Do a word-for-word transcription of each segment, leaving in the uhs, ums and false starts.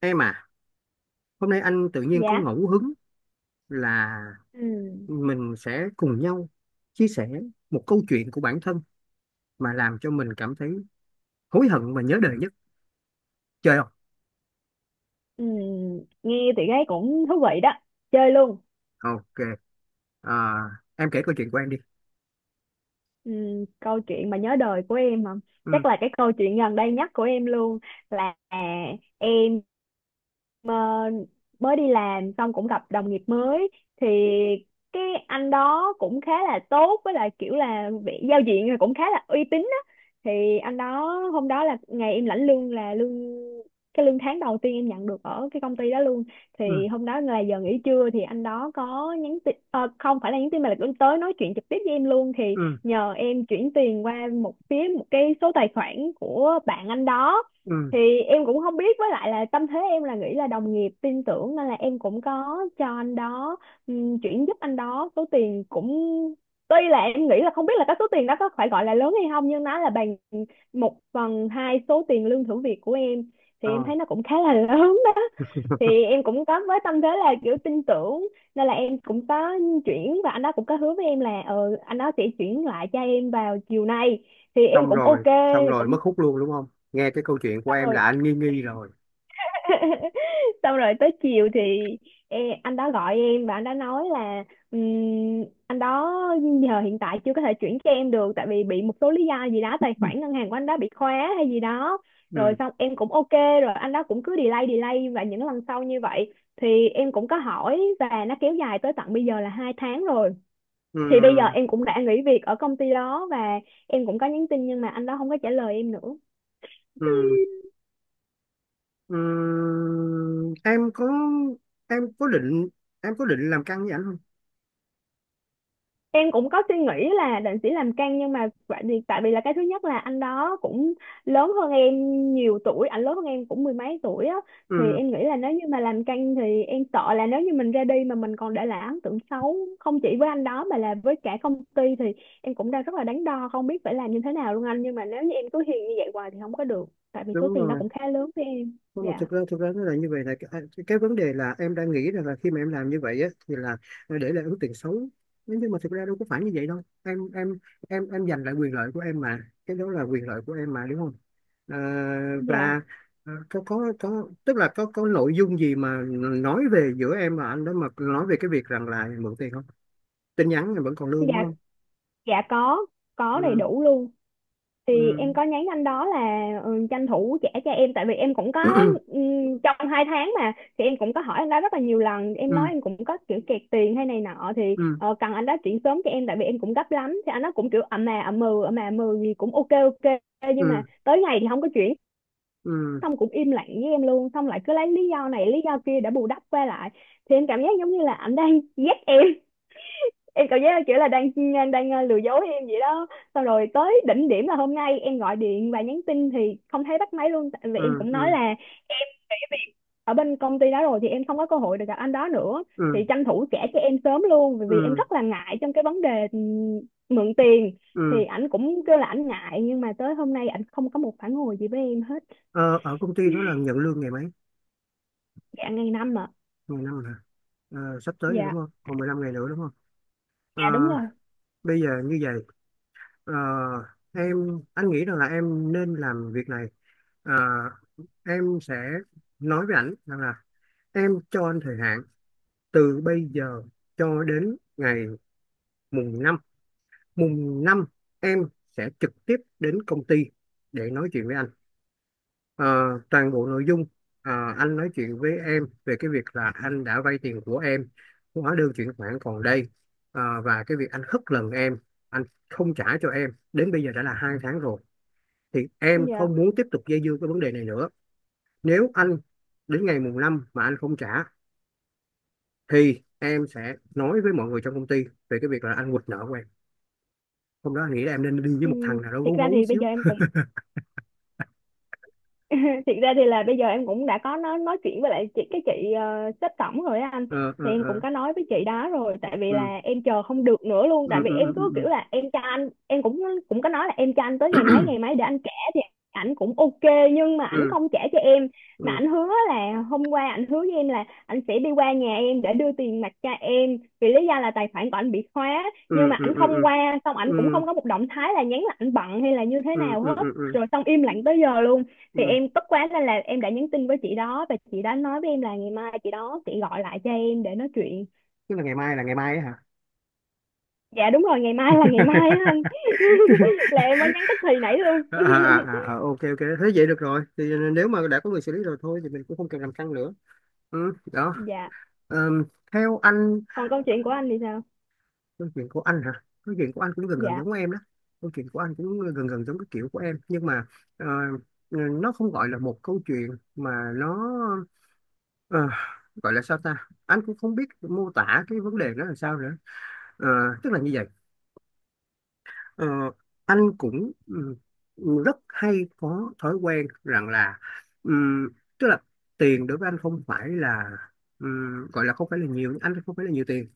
Em à, hôm nay anh tự nhiên có Dạ. ngẫu hứng là Ừ. mình sẽ cùng nhau chia sẻ một câu chuyện của bản thân mà làm cho mình cảm thấy hối hận và nhớ đời nhất. Chơi không? Ừ. Nghe thì thấy cũng thú vị đó, chơi luôn. Ok. À, em kể câu chuyện của em đi. Ừ, câu chuyện mà nhớ đời của em mà Ừ, chắc là cái câu chuyện gần đây nhất của em luôn là em, ờ, mới đi làm xong cũng gặp đồng nghiệp mới. Thì cái anh đó cũng khá là tốt, với lại kiểu là vị giao diện là cũng khá là uy tín á. Thì anh đó, hôm đó là ngày em lãnh lương, là lương cái lương tháng đầu tiên em nhận được ở cái công ty đó luôn. ừ, Thì hôm đó là giờ nghỉ trưa, thì anh đó có nhắn tin, ờ, không phải là nhắn tin mà là cũng tới nói chuyện trực tiếp với em luôn. Thì ừ, nhờ em chuyển tiền qua một phía, một cái số tài khoản của bạn anh đó. ừ. Thì em cũng không biết, với lại là tâm thế em là nghĩ là đồng nghiệp tin tưởng nên là em cũng có cho anh đó, ừm, chuyển giúp anh đó số tiền cũng tuy là em nghĩ là không biết là cái số tiền đó có phải gọi là lớn hay không, nhưng nó là bằng một phần hai số tiền lương thử việc của em. Thì em Ờ. thấy nó cũng khá là lớn đó. Thì em cũng có với tâm thế là kiểu tin tưởng, nên là em cũng có chuyển, và anh đó cũng có hứa với em là ờ anh đó sẽ chuyển lại cho em vào chiều nay. Thì em Xong cũng ok, rồi, xong rồi, mất cũng hút luôn đúng không? Nghe cái câu chuyện của xong em rồi. là anh nghi nghi rồi. Xong rồi tới chiều thì e, anh đó gọi em và anh đó nói là, ừm, anh đó giờ hiện tại chưa có thể chuyển cho em được tại vì bị một số lý do gì đó, tài khoản ngân hàng của anh đó bị khóa hay gì đó. Rồi Ừ, xong em cũng ok. Rồi anh đó cũng cứ delay delay và những lần sau như vậy, thì em cũng có hỏi và nó kéo dài tới tận bây giờ là hai tháng rồi. ừ, Thì bây giờ em cũng đã nghỉ việc ở công ty đó, và em cũng có nhắn tin nhưng mà anh đó không có trả lời em nữa. ừ, ừ. Em có, em có định, em có định làm căng với anh không? Em cũng có suy nghĩ là định sẽ làm căng, nhưng mà tại vì tại vì là cái thứ nhất là anh đó cũng lớn hơn em nhiều tuổi, anh lớn hơn em cũng mười mấy tuổi á. Thì Ừ, em nghĩ là nếu như mà làm căng thì em sợ là nếu như mình ra đi mà mình còn để lại ấn tượng xấu, không chỉ với anh đó mà là với cả công ty. Thì em cũng đang rất là đắn đo, không biết phải làm như thế nào luôn anh, nhưng mà nếu như em cứ hiền như vậy hoài thì không có được, tại vì số đúng tiền đó rồi. cũng khá lớn với em. Không, mà Dạ. thực ra thực ra nó là như vậy, là cái, cái vấn đề là em đang nghĩ rằng là khi mà em làm như vậy á, thì là ờ, để lại ấn tượng xấu. Thế nhưng mà thực ra đâu có phải như vậy đâu, em em em em giành lại quyền lợi của em mà, cái đó là quyền lợi của em mà đúng không? à, Dạ. và ờ, có có có tức là có có nội dung gì mà nói về giữa em và anh đó, mà nói về cái việc rằng là mượn tiền không, tin nhắn em vẫn còn lưu đúng Dạ. không? Dạ có có đầy Ừ. đủ luôn. Thì em Ừ. có nhắn anh đó là, ừ, tranh thủ trả cho em tại vì em cũng có, ừm, trong hai tháng mà. Thì em cũng có hỏi anh đó rất là nhiều lần, em nói Ừ. em cũng có kiểu kẹt tiền hay này nọ thì Ừ. ờ, cần anh đó chuyển sớm cho em tại vì em cũng gấp lắm. Thì anh đó cũng kiểu ậm mà ậm mừ ậm mà ậm mừ gì cũng ok ok, nhưng mà Ừ. tới ngày thì không có chuyển, Ừ. xong cũng im lặng với em luôn, xong lại cứ lấy lý do này lý do kia để bù đắp qua lại. Thì em cảm giác giống như là anh đang ghét em em cảm giác là kiểu là đang đang ờ, lừa dối em vậy đó. Xong rồi tới đỉnh điểm là hôm nay em gọi điện và nhắn tin thì không thấy bắt máy luôn, tại vì em Ừ. cũng nói Ừ. là em nghỉ việc ở bên công ty đó rồi, thì em không có cơ hội được gặp anh đó nữa, thì Ừ. tranh thủ trả cho em sớm luôn, bởi vì em Ừ. rất là ngại trong cái vấn đề, ừ, mượn tiền. Ừ. Thì ảnh cũng kêu là ảnh ngại nhưng mà tới hôm nay ảnh không có một phản hồi gì với em hết. Ờ, ở công ty đó là nhận lương ngày mấy? Dạ ngày năm mà. Ngày năm hả? Ờ, sắp tới rồi đúng Dạ. không? Còn mười lăm ngày nữa đúng không? Ờ, Dạ đúng rồi. Bây giờ như vậy, ờ, em anh nghĩ rằng là em nên làm việc này. Ờ, em sẽ nói với ảnh rằng là em cho anh thời hạn từ bây giờ cho đến ngày mùng năm. Mùng năm em sẽ trực tiếp đến công ty để nói chuyện với anh. Ờ, Toàn bộ nội dung, ờ, anh nói chuyện với em về cái việc là anh đã vay tiền của em, hóa đơn chuyển khoản còn đây. Ờ, và cái việc anh hất lần em, anh không trả cho em đến bây giờ đã là hai tháng rồi, thì em Dạ. không muốn tiếp tục dây dưa cái vấn đề này nữa. Nếu anh đến ngày mùng năm mà anh không trả, thì em sẽ nói với mọi người trong công ty về cái việc là anh quỵt nợ của em. Hôm đó anh nghĩ là em nên đi với Ừ. một thằng nào đó Thiệt gấu ra gấu thì bây giờ xíu. em cũng thiệt ra thì là bây giờ em cũng đã có nói nói chuyện với lại chị cái chị, uh, sếp tổng rồi á anh. Ờ, ờ, Thì em cũng ờ. có nói với chị đó rồi, tại vì ừ là em chờ không được nữa luôn, ừ. tại vì em Ừ. cứ Ừ. kiểu là em cho anh em cũng cũng có nói là em cho anh tới ngày mấy ngày mấy để anh trả. Thì ảnh cũng ok, nhưng mà ảnh Ừ. không trả cho em, mà Ừ. ảnh hứa là hôm qua ảnh hứa với em là ảnh sẽ đi qua nhà em để đưa tiền mặt cho em vì lý do là tài khoản của ảnh bị khóa. Ừ. Nhưng mà Ừ. ảnh Ừ. không Ừ. qua, xong Ừ. ảnh cũng Ừ. không có một động thái là nhắn là ảnh bận hay là như thế Ừ. nào Ừ. hết, Ừ. Ừ. rồi xong im lặng tới giờ luôn. Thì Ừ. em tức quá nên là em đã nhắn tin với chị đó, và chị đó nói với em là ngày mai chị đó sẽ gọi lại cho em để nói chuyện. Tức là ngày mai là ngày mai ấy hả? Dạ đúng rồi, ngày mai là ngày mai á anh, là em mới nhắn tức thì nãy luôn. À, à, à, à, ok ok, thế vậy được rồi, thì nếu mà đã có người xử lý rồi thôi thì mình cũng không cần làm căng nữa. Ừ, đó. Dạ, Ờm, theo anh, còn câu chuyện của anh thì sao? câu chuyện của anh hả, câu chuyện của anh cũng gần gần Dạ. giống em đó. Câu chuyện của anh cũng gần gần giống cái kiểu của em, nhưng mà ờ, ờ, nó không gọi là một câu chuyện mà nó ờ, gọi là sao ta, anh cũng không biết mô tả cái vấn đề đó là sao nữa. Ờ, tức là như vậy. Ờ, anh cũng ừ, rất hay có thói quen rằng là ừm, tức là tiền đối với anh không phải là ừm, gọi là không phải là nhiều, anh không phải là nhiều tiền.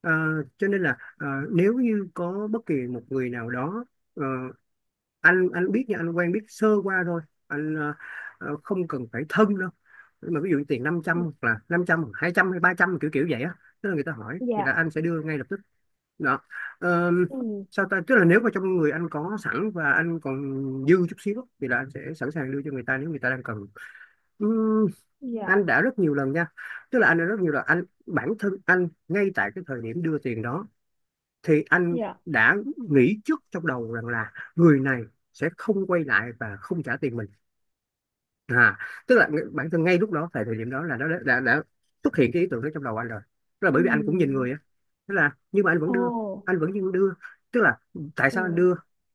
Ờ, cho nên là ờ, nếu như có bất kỳ một người nào đó, ờ, anh anh biết nha, anh quen biết sơ qua thôi, anh ờ, ờ, không cần phải thân đâu, nhưng mà ví dụ tiền năm trăm hoặc là năm trăm hai trăm hay ba trăm kiểu kiểu vậy á, tức là người ta hỏi thì là Dạ. anh sẽ đưa ngay lập tức. Đó. Ờ, Ừ. Sao ta, tức là nếu mà trong người anh có sẵn và anh còn dư chút xíu thì là anh sẽ sẵn sàng đưa cho người ta nếu người ta đang cần. Ừm, Dạ. anh đã rất nhiều lần nha, tức là anh đã rất nhiều lần, anh bản thân anh ngay tại cái thời điểm đưa tiền đó, thì anh Dạ. đã nghĩ trước trong đầu rằng là người này sẽ không quay lại và không trả tiền mình. À, tức là ng- bản thân ngay lúc đó, tại thời điểm đó, là nó đã, đã, đã xuất hiện cái ý tưởng đó trong đầu anh rồi, tức là bởi vì anh cũng nhìn người Ừ. á. Tức là nhưng mà anh vẫn Ồ. đưa, anh vẫn nhưng đưa. Tức là tại sao anh Ừ. đưa?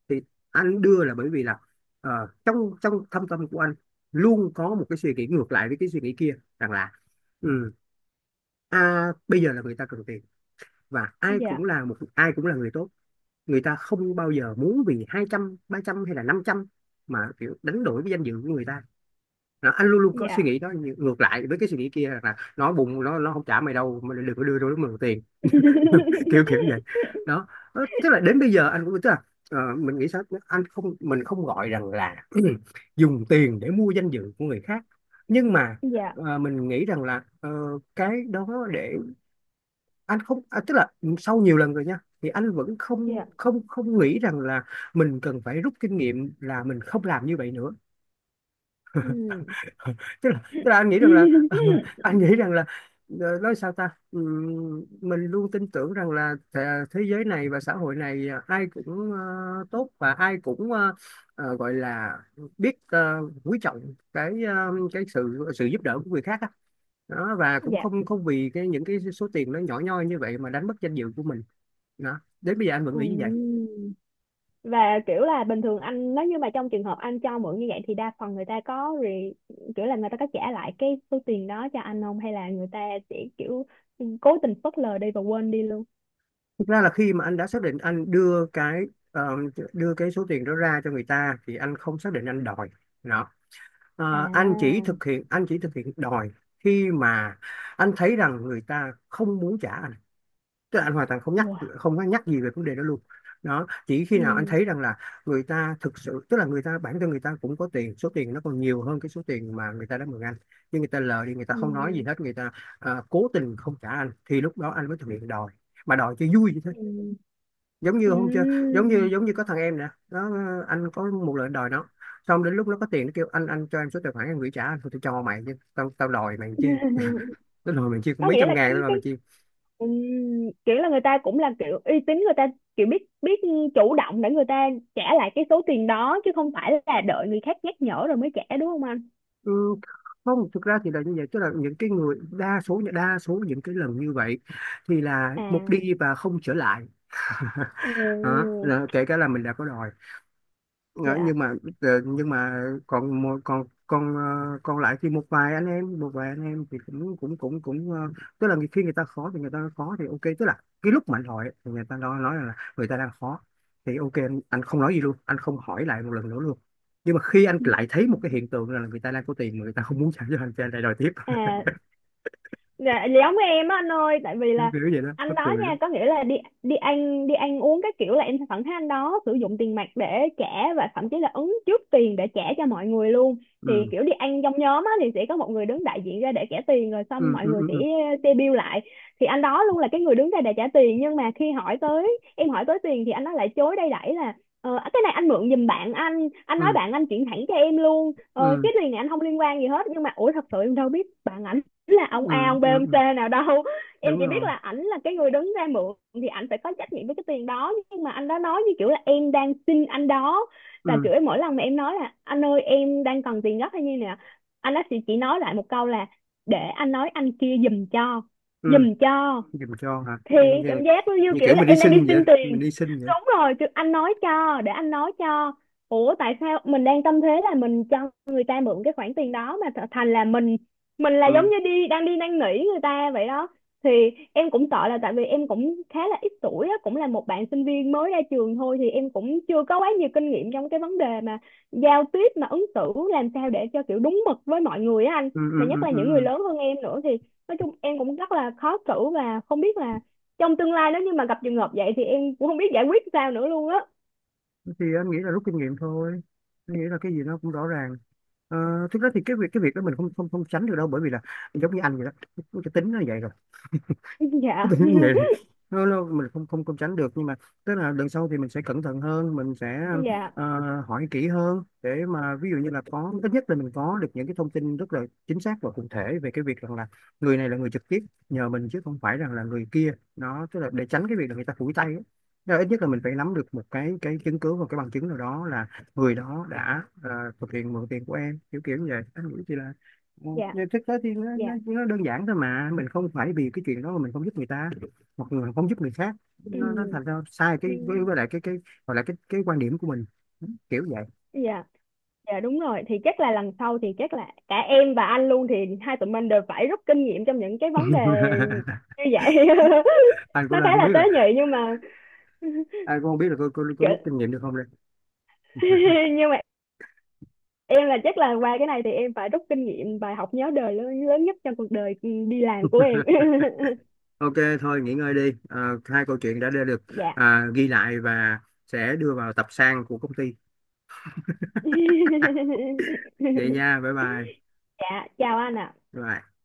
Thì anh đưa là bởi vì là ờ, trong trong thâm tâm của anh luôn có một cái suy nghĩ ngược lại với cái suy nghĩ kia, rằng là ừ, à, bây giờ là người ta cần tiền, và ai cũng Dạ. là một, ai cũng là người tốt, người ta không bao giờ muốn vì hai trăm ba trăm hay là năm trăm mà kiểu đánh đổi với danh dự của người ta. Nó anh luôn luôn có suy Dạ. nghĩ đó, ngược lại với cái suy nghĩ kia là nó bụng nó nó không trả mày đâu mà đừng có đưa đôi mượn tiền. Kiểu kiểu vậy đó. Ờ, tức là đến bây giờ anh cũng tức là ờ, mình nghĩ sao, anh không, mình không gọi rằng là dùng tiền để mua danh dự của người khác, nhưng mà Dạ. ờ, mình nghĩ rằng là ờ, cái đó để anh không, à, tức là sau nhiều lần rồi nha, thì anh vẫn không Dạ. không không nghĩ rằng là mình cần phải rút kinh nghiệm là mình không làm như vậy nữa. Ừ. Tức là tức là anh nghĩ rằng là anh nghĩ rằng là ờ, nói sao ta. Ừm, mình luôn tin tưởng rằng là thế, thế giới này và xã hội này ờ, ai cũng ờ, tốt, và ai cũng ờ, ờ, gọi là biết ờ, quý trọng cái ờ, cái sự sự giúp đỡ của người khác á. Đó, và cũng Dạ. không không vì cái những cái số tiền nó nhỏ nhoi như vậy mà đánh mất danh dự của mình. Đó, đến bây giờ anh vẫn Ừ, nghĩ như vậy. và kiểu là bình thường anh nếu như mà trong trường hợp anh cho mượn như vậy, thì đa phần người ta có re, kiểu là người ta có trả lại cái số tiền đó cho anh không, hay là người ta sẽ kiểu cố tình phớt lờ đi và quên đi luôn? Thực ra là khi mà anh đã xác định anh đưa cái ờ, đưa cái số tiền đó ra cho người ta, thì anh không xác định anh đòi. Đó. À. Ờ, anh chỉ thực hiện anh chỉ thực hiện đòi khi mà anh thấy rằng người ta không muốn trả anh, tức là anh hoàn toàn không nhắc, Wow. không có nhắc gì về vấn đề đó luôn. Đó, chỉ khi nào anh Ừ. thấy rằng là người ta thực sự, tức là người ta bản thân, người ta cũng có tiền, số tiền nó còn nhiều hơn cái số tiền mà người ta đã mượn anh, nhưng người ta lờ đi, người ta không nói gì Ừ. hết, người ta ờ, cố tình không trả anh, thì lúc đó anh mới thực hiện đòi, mà đòi cho vui vậy. Ừ. Giống như Ừ. hôm chưa, giống như giống như có thằng em nè, nó, anh có một lần đòi nó, xong đến lúc nó có tiền nó kêu anh anh cho em số tài khoản em gửi trả anh. Thôi, tôi cho mày, chứ tao tao đòi mày chi, tao đòi mày chi, cũng Có mấy nghĩa trăm là ngàn cái tao đòi cái mày chi. ừ. Kiểu là người ta cũng là kiểu uy tín, người ta kiểu biết biết chủ động để người ta trả lại cái số tiền đó, chứ không phải là đợi người khác nhắc nhở rồi mới trả, đúng không anh? Ừ, không, thực ra thì là như vậy, tức là những cái người đa số đa số những cái lần như vậy thì là một À. đi và không trở lại. Đó, Ừ. là kể cả là mình đã có đòi. Ờ, Dạ. nhưng mà ờ, nhưng mà còn một- còn còn ờ, còn lại thì một vài anh em một vài anh em thì cũng cũng cũng cũng ờ, tức là khi người ta khó thì người ta khó thì ok, tức là cái lúc mà anh hỏi thì người ta nói nói là người ta đang khó, thì ok anh, anh không nói gì luôn, anh không hỏi lại một lần nữa luôn. Nhưng mà khi anh lại thấy một cái hiện tượng là người ta đang có tiền mà người ta không muốn trả cho anh, thì anh lại đòi tiếp. À. Dạ. Dạ giống với em á anh ơi, tại vì Kiểu là kiểu vậy đó, anh mắc đó cười nha, lắm. có nghĩa là đi đi ăn đi ăn uống các kiểu, là em sẽ thẳng thấy anh đó sử dụng tiền mặt để trả, và thậm chí là ứng trước tiền để trả cho mọi người luôn. Thì Ừ. kiểu đi ăn trong nhóm á, thì sẽ có một người đứng đại diện ra để trả tiền, rồi xong Ừ. mọi Ừ. người sẽ Ừ. xe bill lại. Thì anh đó luôn là cái người đứng ra để trả tiền, nhưng mà khi hỏi tới, em hỏi tới tiền thì anh đó lại chối đây đẩy là ờ, à, cái này anh mượn giùm bạn anh anh nói Ừ. bạn anh chuyển thẳng cho em luôn, ờ, Ừ. cái tiền này anh không liên quan gì hết, nhưng mà ủa thật sự em đâu biết bạn anh là Ừ. ông Ừ. A ông B Ừ, ông C ừ. nào đâu. Em Đúng chỉ biết rồi. là ảnh là cái người đứng ra mượn thì ảnh phải có trách nhiệm với cái tiền đó, nhưng mà anh đó nói như kiểu là em đang xin anh đó. Và Ừ. kiểu mỗi lần mà em nói là anh ơi em đang cần tiền gấp hay như nè, anh đó chỉ, chỉ nói lại một câu là để anh nói anh kia giùm cho, Ừ. giùm cho. Dùm cho hả, Thì như cảm là giác nó như như kiểu kiểu là mình đi em đang đi xin vậy, xin tiền, mình đi xin vậy. đúng rồi chứ, anh nói cho để anh nói cho. Ủa tại sao mình đang tâm thế là mình cho người ta mượn cái khoản tiền đó, mà th- thành là mình mình là giống Ừ. như đi đang đi năn nỉ người ta vậy đó. Thì em cũng sợ là tại vì em cũng khá là ít tuổi á, cũng là một bạn sinh viên mới ra trường thôi, thì em cũng chưa có quá nhiều kinh nghiệm trong cái vấn đề mà giao tiếp mà ứng xử làm sao để cho kiểu đúng mực với mọi người á anh. Ừ, ừ, Mà nhất ừ, là những người ừ. lớn hơn em nữa, thì nói chung em cũng rất là khó xử và không biết là trong tương lai nếu như mà gặp trường hợp vậy, thì em cũng không biết giải quyết sao nữa luôn á. Ừ. Thì anh nghĩ là rút kinh nghiệm thôi, anh nghĩ là cái gì nó cũng rõ ràng. Ờ, thực ra thì cái việc cái việc đó mình không không không tránh được đâu, bởi vì là giống như anh vậy đó, cái tính nó vậy rồi. Dạ. Tự nhiên vậy là- nó, nó mình không không không tránh được, nhưng mà tức là lần sau thì mình sẽ cẩn thận hơn, mình sẽ Dạ. ờ, hỏi kỹ hơn, để mà ví dụ như là có ít nhất là mình có được những cái thông tin rất là chính xác và cụ thể về cái việc rằng là người này là người trực tiếp nhờ mình, chứ không phải rằng là người kia, nó tức là để tránh cái việc là người ta phủi tay ấy. Tức là ít nhất là mình phải nắm được một cái cái chứng cứ và cái bằng chứng nào đó là người đó đã ờ, thực hiện mượn tiền của em, kiểu kiểu như vậy anh nghĩ chị. Ừ, Dạ. nhưng thực tế thì nó, nó, Dạ. nó đơn giản thôi mà, mình không phải vì cái chuyện đó mà mình không giúp người ta hoặc là không giúp người khác, nó, nó Ừ. thành ra sai cái Ừ, với, với lại cái cái gọi là cái cái quan điểm của mình. Ừ, kiểu vậy. dạ. Dạ đúng rồi, thì chắc là lần sau thì chắc là cả em và anh luôn, thì hai tụi mình đều phải rút kinh nghiệm trong những cái vấn đề như vậy. Anh cũng Nó khá đang không là biết tế là nhị nhưng mà anh cũng không biết là có, có, có rút kiểu- kinh nghiệm được không đây. nhưng mà em là chắc là qua cái này thì em phải rút kinh nghiệm bài học nhớ đời lớn, lớn nhất trong cuộc đời đi làm của em. Ok, thôi nghỉ ngơi đi. À, hai câu chuyện đã đã được, Dạ. à, ghi lại và sẽ đưa vào tập san của công ty. Vậy nha, bye bye. Dạ chào anh ạ. Bye.